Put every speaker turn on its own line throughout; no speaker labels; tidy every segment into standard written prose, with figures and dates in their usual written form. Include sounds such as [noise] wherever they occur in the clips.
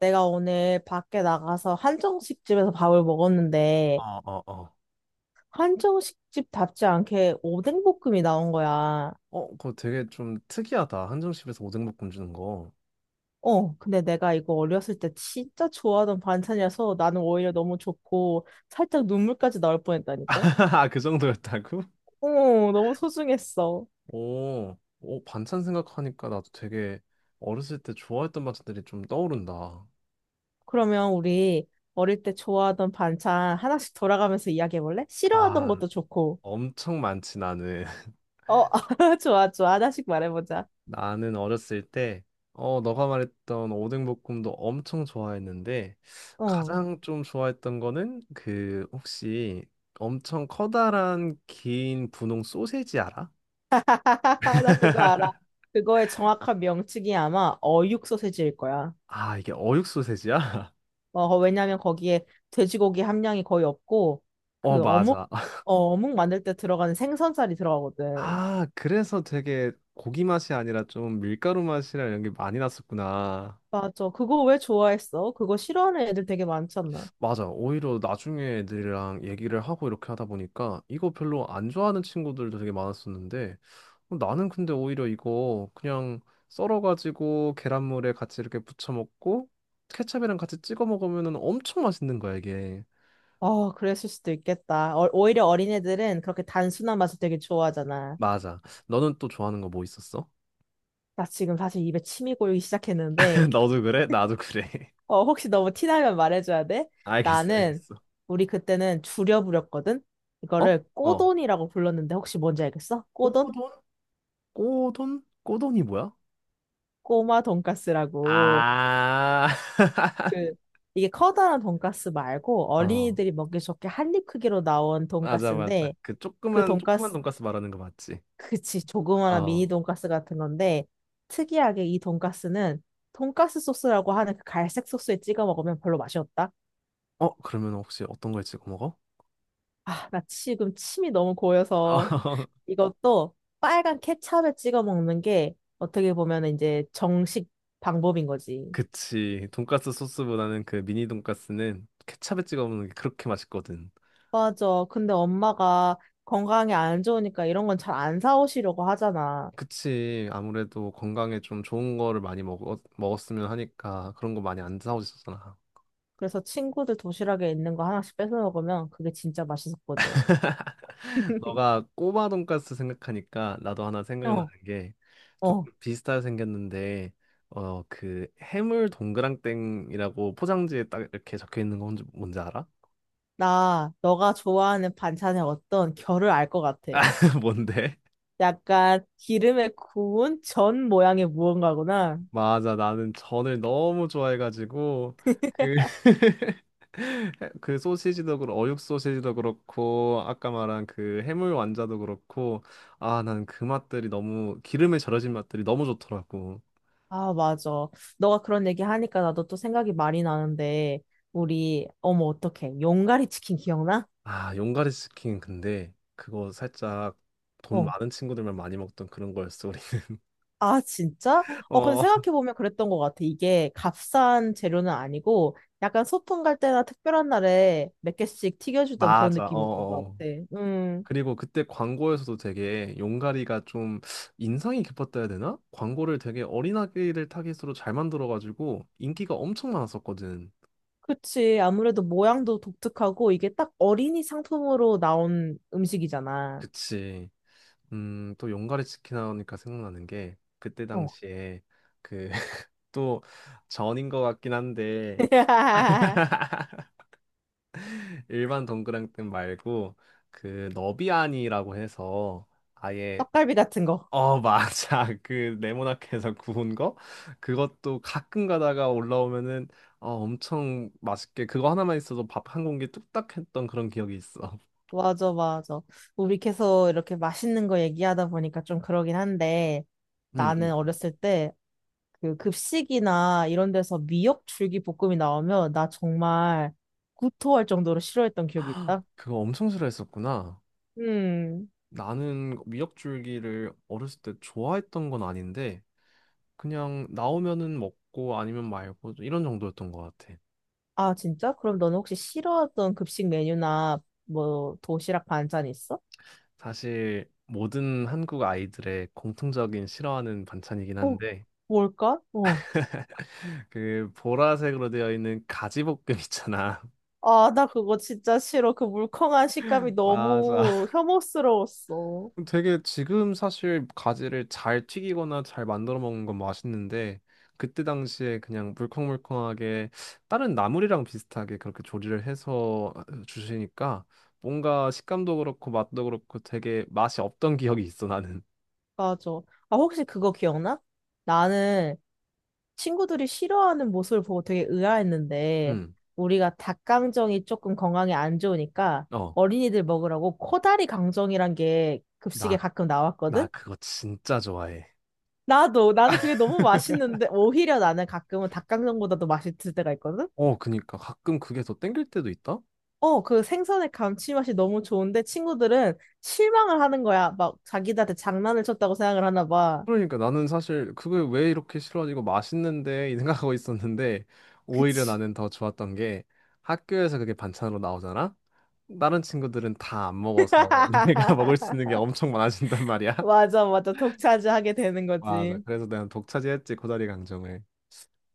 내가 오늘 밖에 나가서 한정식 집에서 밥을 먹었는데,
어, 어, 어.
한정식 집답지 않게 오뎅볶음이 나온 거야.
어, 그거 되게 좀 특이하다. 한정식에서 오뎅볶음 주는 거.
근데 내가 이거 어렸을 때 진짜 좋아하던 반찬이라서 나는 오히려 너무 좋고, 살짝 눈물까지 나올
[laughs]
뻔했다니까?
아, 그 정도였다고?
어, 너무 소중했어.
오, 오, 반찬 생각하니까 나도 되게 어렸을 때 좋아했던 반찬들이 좀 떠오른다.
그러면 우리 어릴 때 좋아하던 반찬 하나씩 돌아가면서 이야기해볼래? 싫어하던
아,
것도 좋고.
엄청 많지, 나는. [laughs]
어, [laughs] 좋아, 좋아. 하나씩 말해보자.
나는 어렸을 때, 너가 말했던 오뎅볶음도 엄청 좋아했는데,
어.
가장 좀 좋아했던 거는 그, 혹시 엄청 커다란 긴 분홍 소세지 알아?
[laughs] 나 그거 알아. 그거의 정확한 명칭이 아마 어육 소세지일 거야.
아, 이게 어육 소세지야? [laughs]
왜냐면 거기에 돼지고기 함량이 거의 없고,
어, 어,
그 어묵,
맞아.
어, 어묵 만들 때 들어가는 생선살이 들어가거든.
아, 그래서 되게 고기 맛이 아니라 좀 밀가루 맛이랑 이런 게 많이 났었구나.
맞아. 그거 왜 좋아했어? 그거 싫어하는 애들 되게 많잖아.
맞아. 오히려 나중에 애들이랑 얘기를 하고 이렇게 하다 보니까 이거 별로 안 좋아하는 친구들도 되게 많았었는데 어, 나는 근데 오히려 이거 그냥 썰어가지고 계란물에 같이 이렇게 부쳐 먹고 케첩이랑 같이 찍어 먹으면 엄청 맛있는 거야, 이게.
어, 그랬을 수도 있겠다. 어, 오히려 어린애들은 그렇게 단순한 맛을 되게 좋아하잖아.
맞아. 너는 또 좋아하는 거 뭐 있었어?
나 지금 사실 입에 침이 고이기 시작했는데,
[laughs] 너도 그래? 나도 그래. [laughs]
어, 혹시 너무 티나면 말해줘야 돼?
알겠어,
나는,
알겠어.
우리 그때는 줄여 부렸거든?
어?
이거를
어.
꼬돈이라고 불렀는데 혹시 뭔지 알겠어? 꼬돈?
꼬돈? 꼬돈? 꼬돈이 뭐야?
꼬마 돈까스라고.
아, [laughs]
그, 이게 커다란 돈까스 말고
어,
어린이들이 먹기 좋게 한 입 크기로 나온
맞아, 맞아.
돈까스인데
그
그
조그만, 조그만
돈까스,
돈가스 말하는 거 맞지?
그치, 조그마한 미니
어,
돈까스 같은 건데 특이하게 이 돈까스는 돈까스 소스라고 하는 그 갈색 소스에 찍어 먹으면 별로 맛이 없다.
어, 그러면 혹시 어떤 걸 찍어 먹어?
아, 나 지금 침이 너무 고여서.
어, [laughs]
이것도 빨간 케찹에 찍어 먹는 게 어떻게 보면 이제 정식 방법인 거지.
그치. 돈가스 소스보다는 그 미니 돈가스는 케찹에 찍어 먹는 게 그렇게 맛있거든.
맞아. 근데 엄마가 건강에 안 좋으니까 이런 건 잘 안 사오시려고 하잖아.
그치. 아무래도 건강에 좀 좋은 거를 많이 먹었으면 하니까 그런 거 많이 안 사오셨잖아.
그래서 친구들 도시락에 있는 거 하나씩 뺏어 먹으면 그게 진짜 맛있었거든.
너가 꼬마 돈까스 생각하니까 나도 하나 생각나는
어,
게
어.
조금 비슷하게 생겼는데 어 그 해물 동그랑땡이라고 포장지에 딱 이렇게 적혀 있는 건 뭔지 알아?
나 너가 좋아하는 반찬의 어떤 결을 알 것
[laughs]
같아.
아, 뭔데?
약간 기름에 구운 전 모양의 무언가구나.
맞아 나는 전을 너무 좋아해가지고 그 [laughs] 그 소시지도 그렇고 어육 소시지도 그렇고 아까 말한 그 해물 완자도 그렇고 아 난 그 맛들이 너무 기름에 절여진 맛들이 너무 좋더라고.
아, 맞아. 너가 그런 얘기 하니까 나도 또 생각이 많이 나는데, 우리, 어머, 어떡해. 용가리 치킨 기억나?
아, 용가리 치킨 근데 그거 살짝 돈
어.
많은 친구들만 많이 먹던 그런 거였어, 우리는.
아, 진짜?
[laughs]
근데
어,
생각해보면 그랬던 것 같아. 이게 값싼 재료는 아니고, 약간 소풍 갈 때나 특별한 날에 몇 개씩 튀겨주던 그런
맞아. 어,
느낌이었던
어.
것
어.
같아. 음,
그리고 그때 광고에서도 되게 용가리가 좀 인상이 깊었다 해야 되나? 광고를 되게 어린아이를 타깃으로 잘 만들어가지고 인기가 엄청 많았었거든.
그치. 아무래도 모양도 독특하고, 이게 딱 어린이 상품으로 나온 음식이잖아.
그치. 또 용가리 치킨 하니까 생각나는 게 그때
어.
당시에 그 [laughs] 또 전인 것 같긴 한데
[laughs]
일반 동그랑땡 말고 그 너비아니라고 해서 아예
떡갈비 같은 거.
어 맞아 [laughs] 그 네모나게에서 구운 거 그것도 가끔 가다가 올라오면은 어 엄청 맛있게 그거 하나만 있어도 밥 한 공기 뚝딱 했던 그런 기억이 있어.
맞아, 맞아. 우리 계속 이렇게 맛있는 거 얘기하다 보니까 좀 그러긴 한데,
응,
나는
응.
어렸을 때 그 급식이나 이런 데서 미역 줄기볶음이 나오면 나 정말 구토할 정도로 싫어했던 기억이
[gasps]
있다.
그거 엄청 싫어했었구나.
음.
나는 미역줄기를 어렸을 때 좋아했던 건 아닌데 그냥 나오면은 먹고 아니면 말고 이런 정도였던 것 같아.
아, 진짜? 그럼 너는 혹시 싫어했던 급식 메뉴나 뭐 도시락 반찬 있어?
사실 모든 한국 아이들의 공통적인 싫어하는 반찬이긴
어,
한데
뭘까? 어.
그 보라색으로 되어 있는 가지볶음 있잖아.
아, 나 그거 진짜 싫어. 그 물컹한 식감이
[laughs] 맞아.
너무 혐오스러웠어.
되게 지금 사실 가지를 잘 튀기거나 잘 만들어 먹는 건 맛있는데 그때 당시에 그냥 물컹물컹하게 다른 나물이랑 비슷하게 그렇게 조리를 해서 주시니까 뭔가 식감도 그렇고 맛도 그렇고 되게 맛이 없던 기억이 있어 나는.
맞아. 아, 혹시 그거 기억나? 나는 친구들이 싫어하는 모습을 보고 되게 의아했는데,
응.
우리가 닭강정이 조금 건강에 안 좋으니까
어.
어린이들 먹으라고 코다리 강정이란 게 급식에
나
가끔
나
나왔거든?
그거 진짜 좋아해.
나도, 나는 그게 너무 맛있는데, 오히려 나는 가끔은 닭강정보다도 맛있을 때가 있거든?
어, 그니까 가끔 그게 더 땡길 때도 있다?
어, 그 생선의 감칠맛이 너무 좋은데 친구들은 실망을 하는 거야. 막 자기들한테 장난을 쳤다고 생각을 하나 봐.
그러니까 나는 사실 그게 왜 이렇게 싫어하지? 이거 맛있는데 이 생각하고 있었는데 오히려
그치.
나는 더 좋았던 게 학교에서 그게 반찬으로 나오잖아? 다른 친구들은 다 안 먹어서 [laughs] 내가 먹을
[laughs]
수 있는 게 엄청 많아진단 말이야. [laughs]
맞아, 맞아. 독차지하게 되는
맞아.
거지.
그래서 내가 독차지했지 코다리 강정을.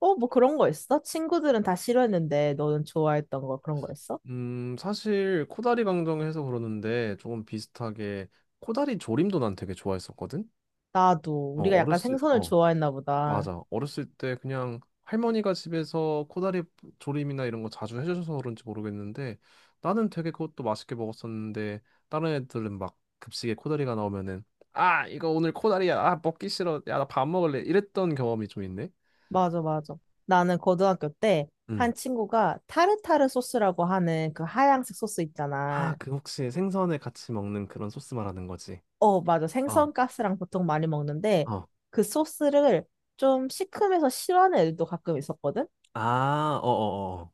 어, 뭐 그런 거 있어? 친구들은 다 싫어했는데 너는 좋아했던 거 그런 거 있어?
사실 코다리 강정해서 그러는데 조금 비슷하게 코다리 조림도 난 되게 좋아했었거든.
나도.
어,
우리가 약간
어렸을
생선을
어.
좋아했나 보다.
맞아. 어렸을 때 그냥 할머니가 집에서 코다리 조림이나 이런 거 자주 해주셔서 그런지 모르겠는데 나는 되게 그것도 맛있게 먹었었는데 다른 애들은 막 급식에 코다리가 나오면은 아 이거 오늘 코다리야 아 먹기 싫어 야 나 밥 먹을래 이랬던 경험이 좀 있네.
맞아, 맞아. 나는 고등학교 때
응.
한 친구가 타르타르 소스라고 하는 그 하얀색 소스
아
있잖아.
그 혹시 생선에 같이 먹는 그런 소스 말하는 거지?
어, 맞아.
어,
생선가스랑 보통 많이 먹는데
어.
그 소스를 좀 시큼해서 싫어하는 애들도 가끔 있었거든?
아, 어어어.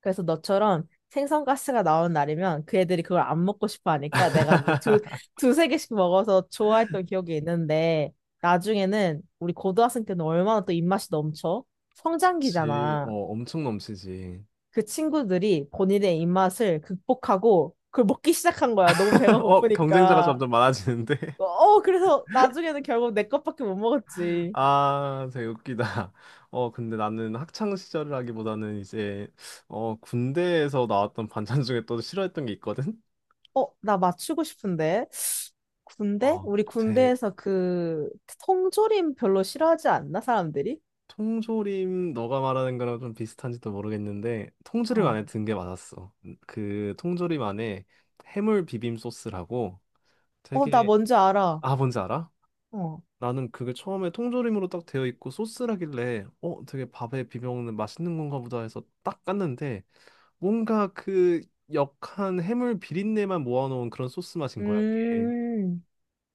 그래서 너처럼 생선가스가 나오는 날이면 그 애들이 그걸 안 먹고 싶어 하니까 내가 뭐 두,
[laughs]
두세 개씩 먹어서 좋아했던 기억이 있는데 나중에는 우리 고등학생 때는 얼마나 또 입맛이 넘쳐?
그치.
성장기잖아.
어 엄청 넘치지.
그 친구들이 본인의 입맛을 극복하고 그걸 먹기 시작한 거야. 너무 배가
[laughs] 어 경쟁자가
고프니까.
점점 많아지는데.
어, 그래서 나중에는 결국 내 것밖에 못 먹었지.
아, 되게 웃기다. [laughs] 어, 근데 나는 학창 시절을 하기보다는 이제 어, 군대에서 나왔던 반찬 중에 또 싫어했던 게 있거든.
어, 나 맞추고 싶은데. 군대?
어,
우리
제,
군대에서 그 통조림 별로 싫어하지 않나, 사람들이?
통조림 너가 말하는 거랑 좀 비슷한지도 모르겠는데 통조림
어.
안에 든 게 맞았어. 그 통조림 안에 해물 비빔 소스라고
어, 나
되게
뭔지 알아.
아 뭔지 알아?
어.
나는 그게 처음에 통조림으로 딱 되어 있고 소스라길래 어 되게 밥에 비벼 먹는 맛있는 건가 보다 해서 딱 깠는데 뭔가 그 역한 해물 비린내만 모아놓은 그런 소스 맛인 거야, 이게.
음,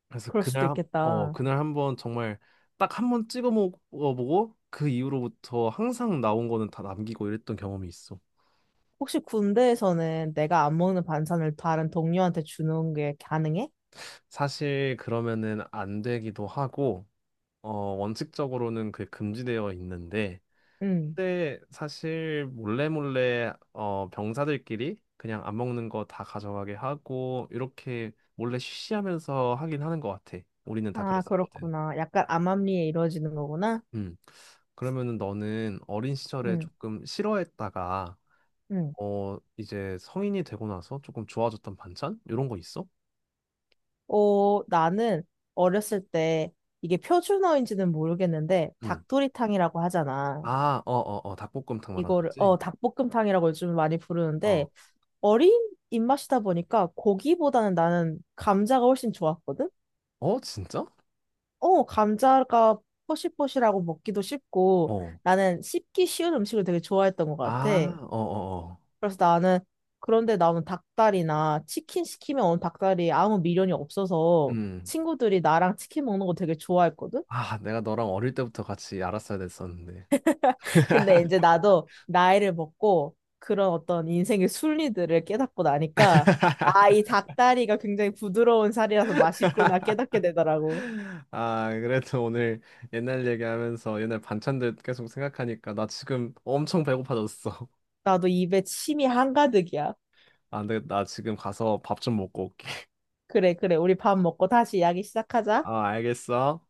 그래서
그럴 수도 있겠다.
그날 한번 정말 딱 한번 찍어 먹어보고 그 이후로부터 항상 나온 거는 다 남기고 이랬던 경험이 있어.
혹시 군대에서는 내가 안 먹는 반찬을 다른 동료한테 주는 게 가능해?
사실 그러면은 안 되기도 하고, 어, 원칙적으로는 그게 금지되어 있는데,
응.
그때 사실 몰래 몰래 어 병사들끼리 그냥 안 먹는 거 다 가져가게 하고 이렇게 몰래 쉬쉬하면서 하긴 하는 것 같아. 우리는 다
아,
그랬었거든.
그렇구나. 약간 암암리에 이루어지는 거구나.
음. 그러면은 너는 어린 시절에
응,
조금 싫어했다가
응.
어 이제 성인이 되고 나서 조금 좋아졌던 반찬 이런 거 있어?
어, 나는 어렸을 때 이게 표준어인지는 모르겠는데
음.
닭도리탕이라고 하잖아.
아, 어, 어, 어, 닭볶음탕 말하는
이거를
거지?
어 닭볶음탕이라고 요즘 많이
어.
부르는데 어린 입맛이다 보니까 고기보다는 나는 감자가 훨씬 좋았거든.
어, 진짜?
어 감자가 포실포실하고 먹기도 쉽고
어.
나는 씹기 쉬운 음식을 되게 좋아했던 것 같아.
아, 어, 어, 어.
그래서 나는 그런데 나오는 닭다리나 치킨 시키면 오는 닭다리 아무 미련이 없어서
음.
친구들이 나랑 치킨 먹는 거 되게 좋아했거든.
아, 내가 너랑 어릴 때부터 같이 알았어야 됐었는데.
근데
[laughs]
이제 나도 나이를 먹고 그런 어떤 인생의 순리들을 깨닫고 나니까 아, 이
[laughs]
닭다리가 굉장히 부드러운 살이라서 맛있구나 깨닫게 되더라고.
아, 그래도 오늘 옛날 얘기하면서 옛날 반찬들 계속 생각하니까 나 지금 엄청 배고파졌어. [laughs]
나도 입에 침이 한가득이야.
아, 근데 나 지금 가서 밥 좀 먹고 올게.
그래, 그래. 우리 밥 먹고 다시 이야기 시작하자.
아, 알겠어.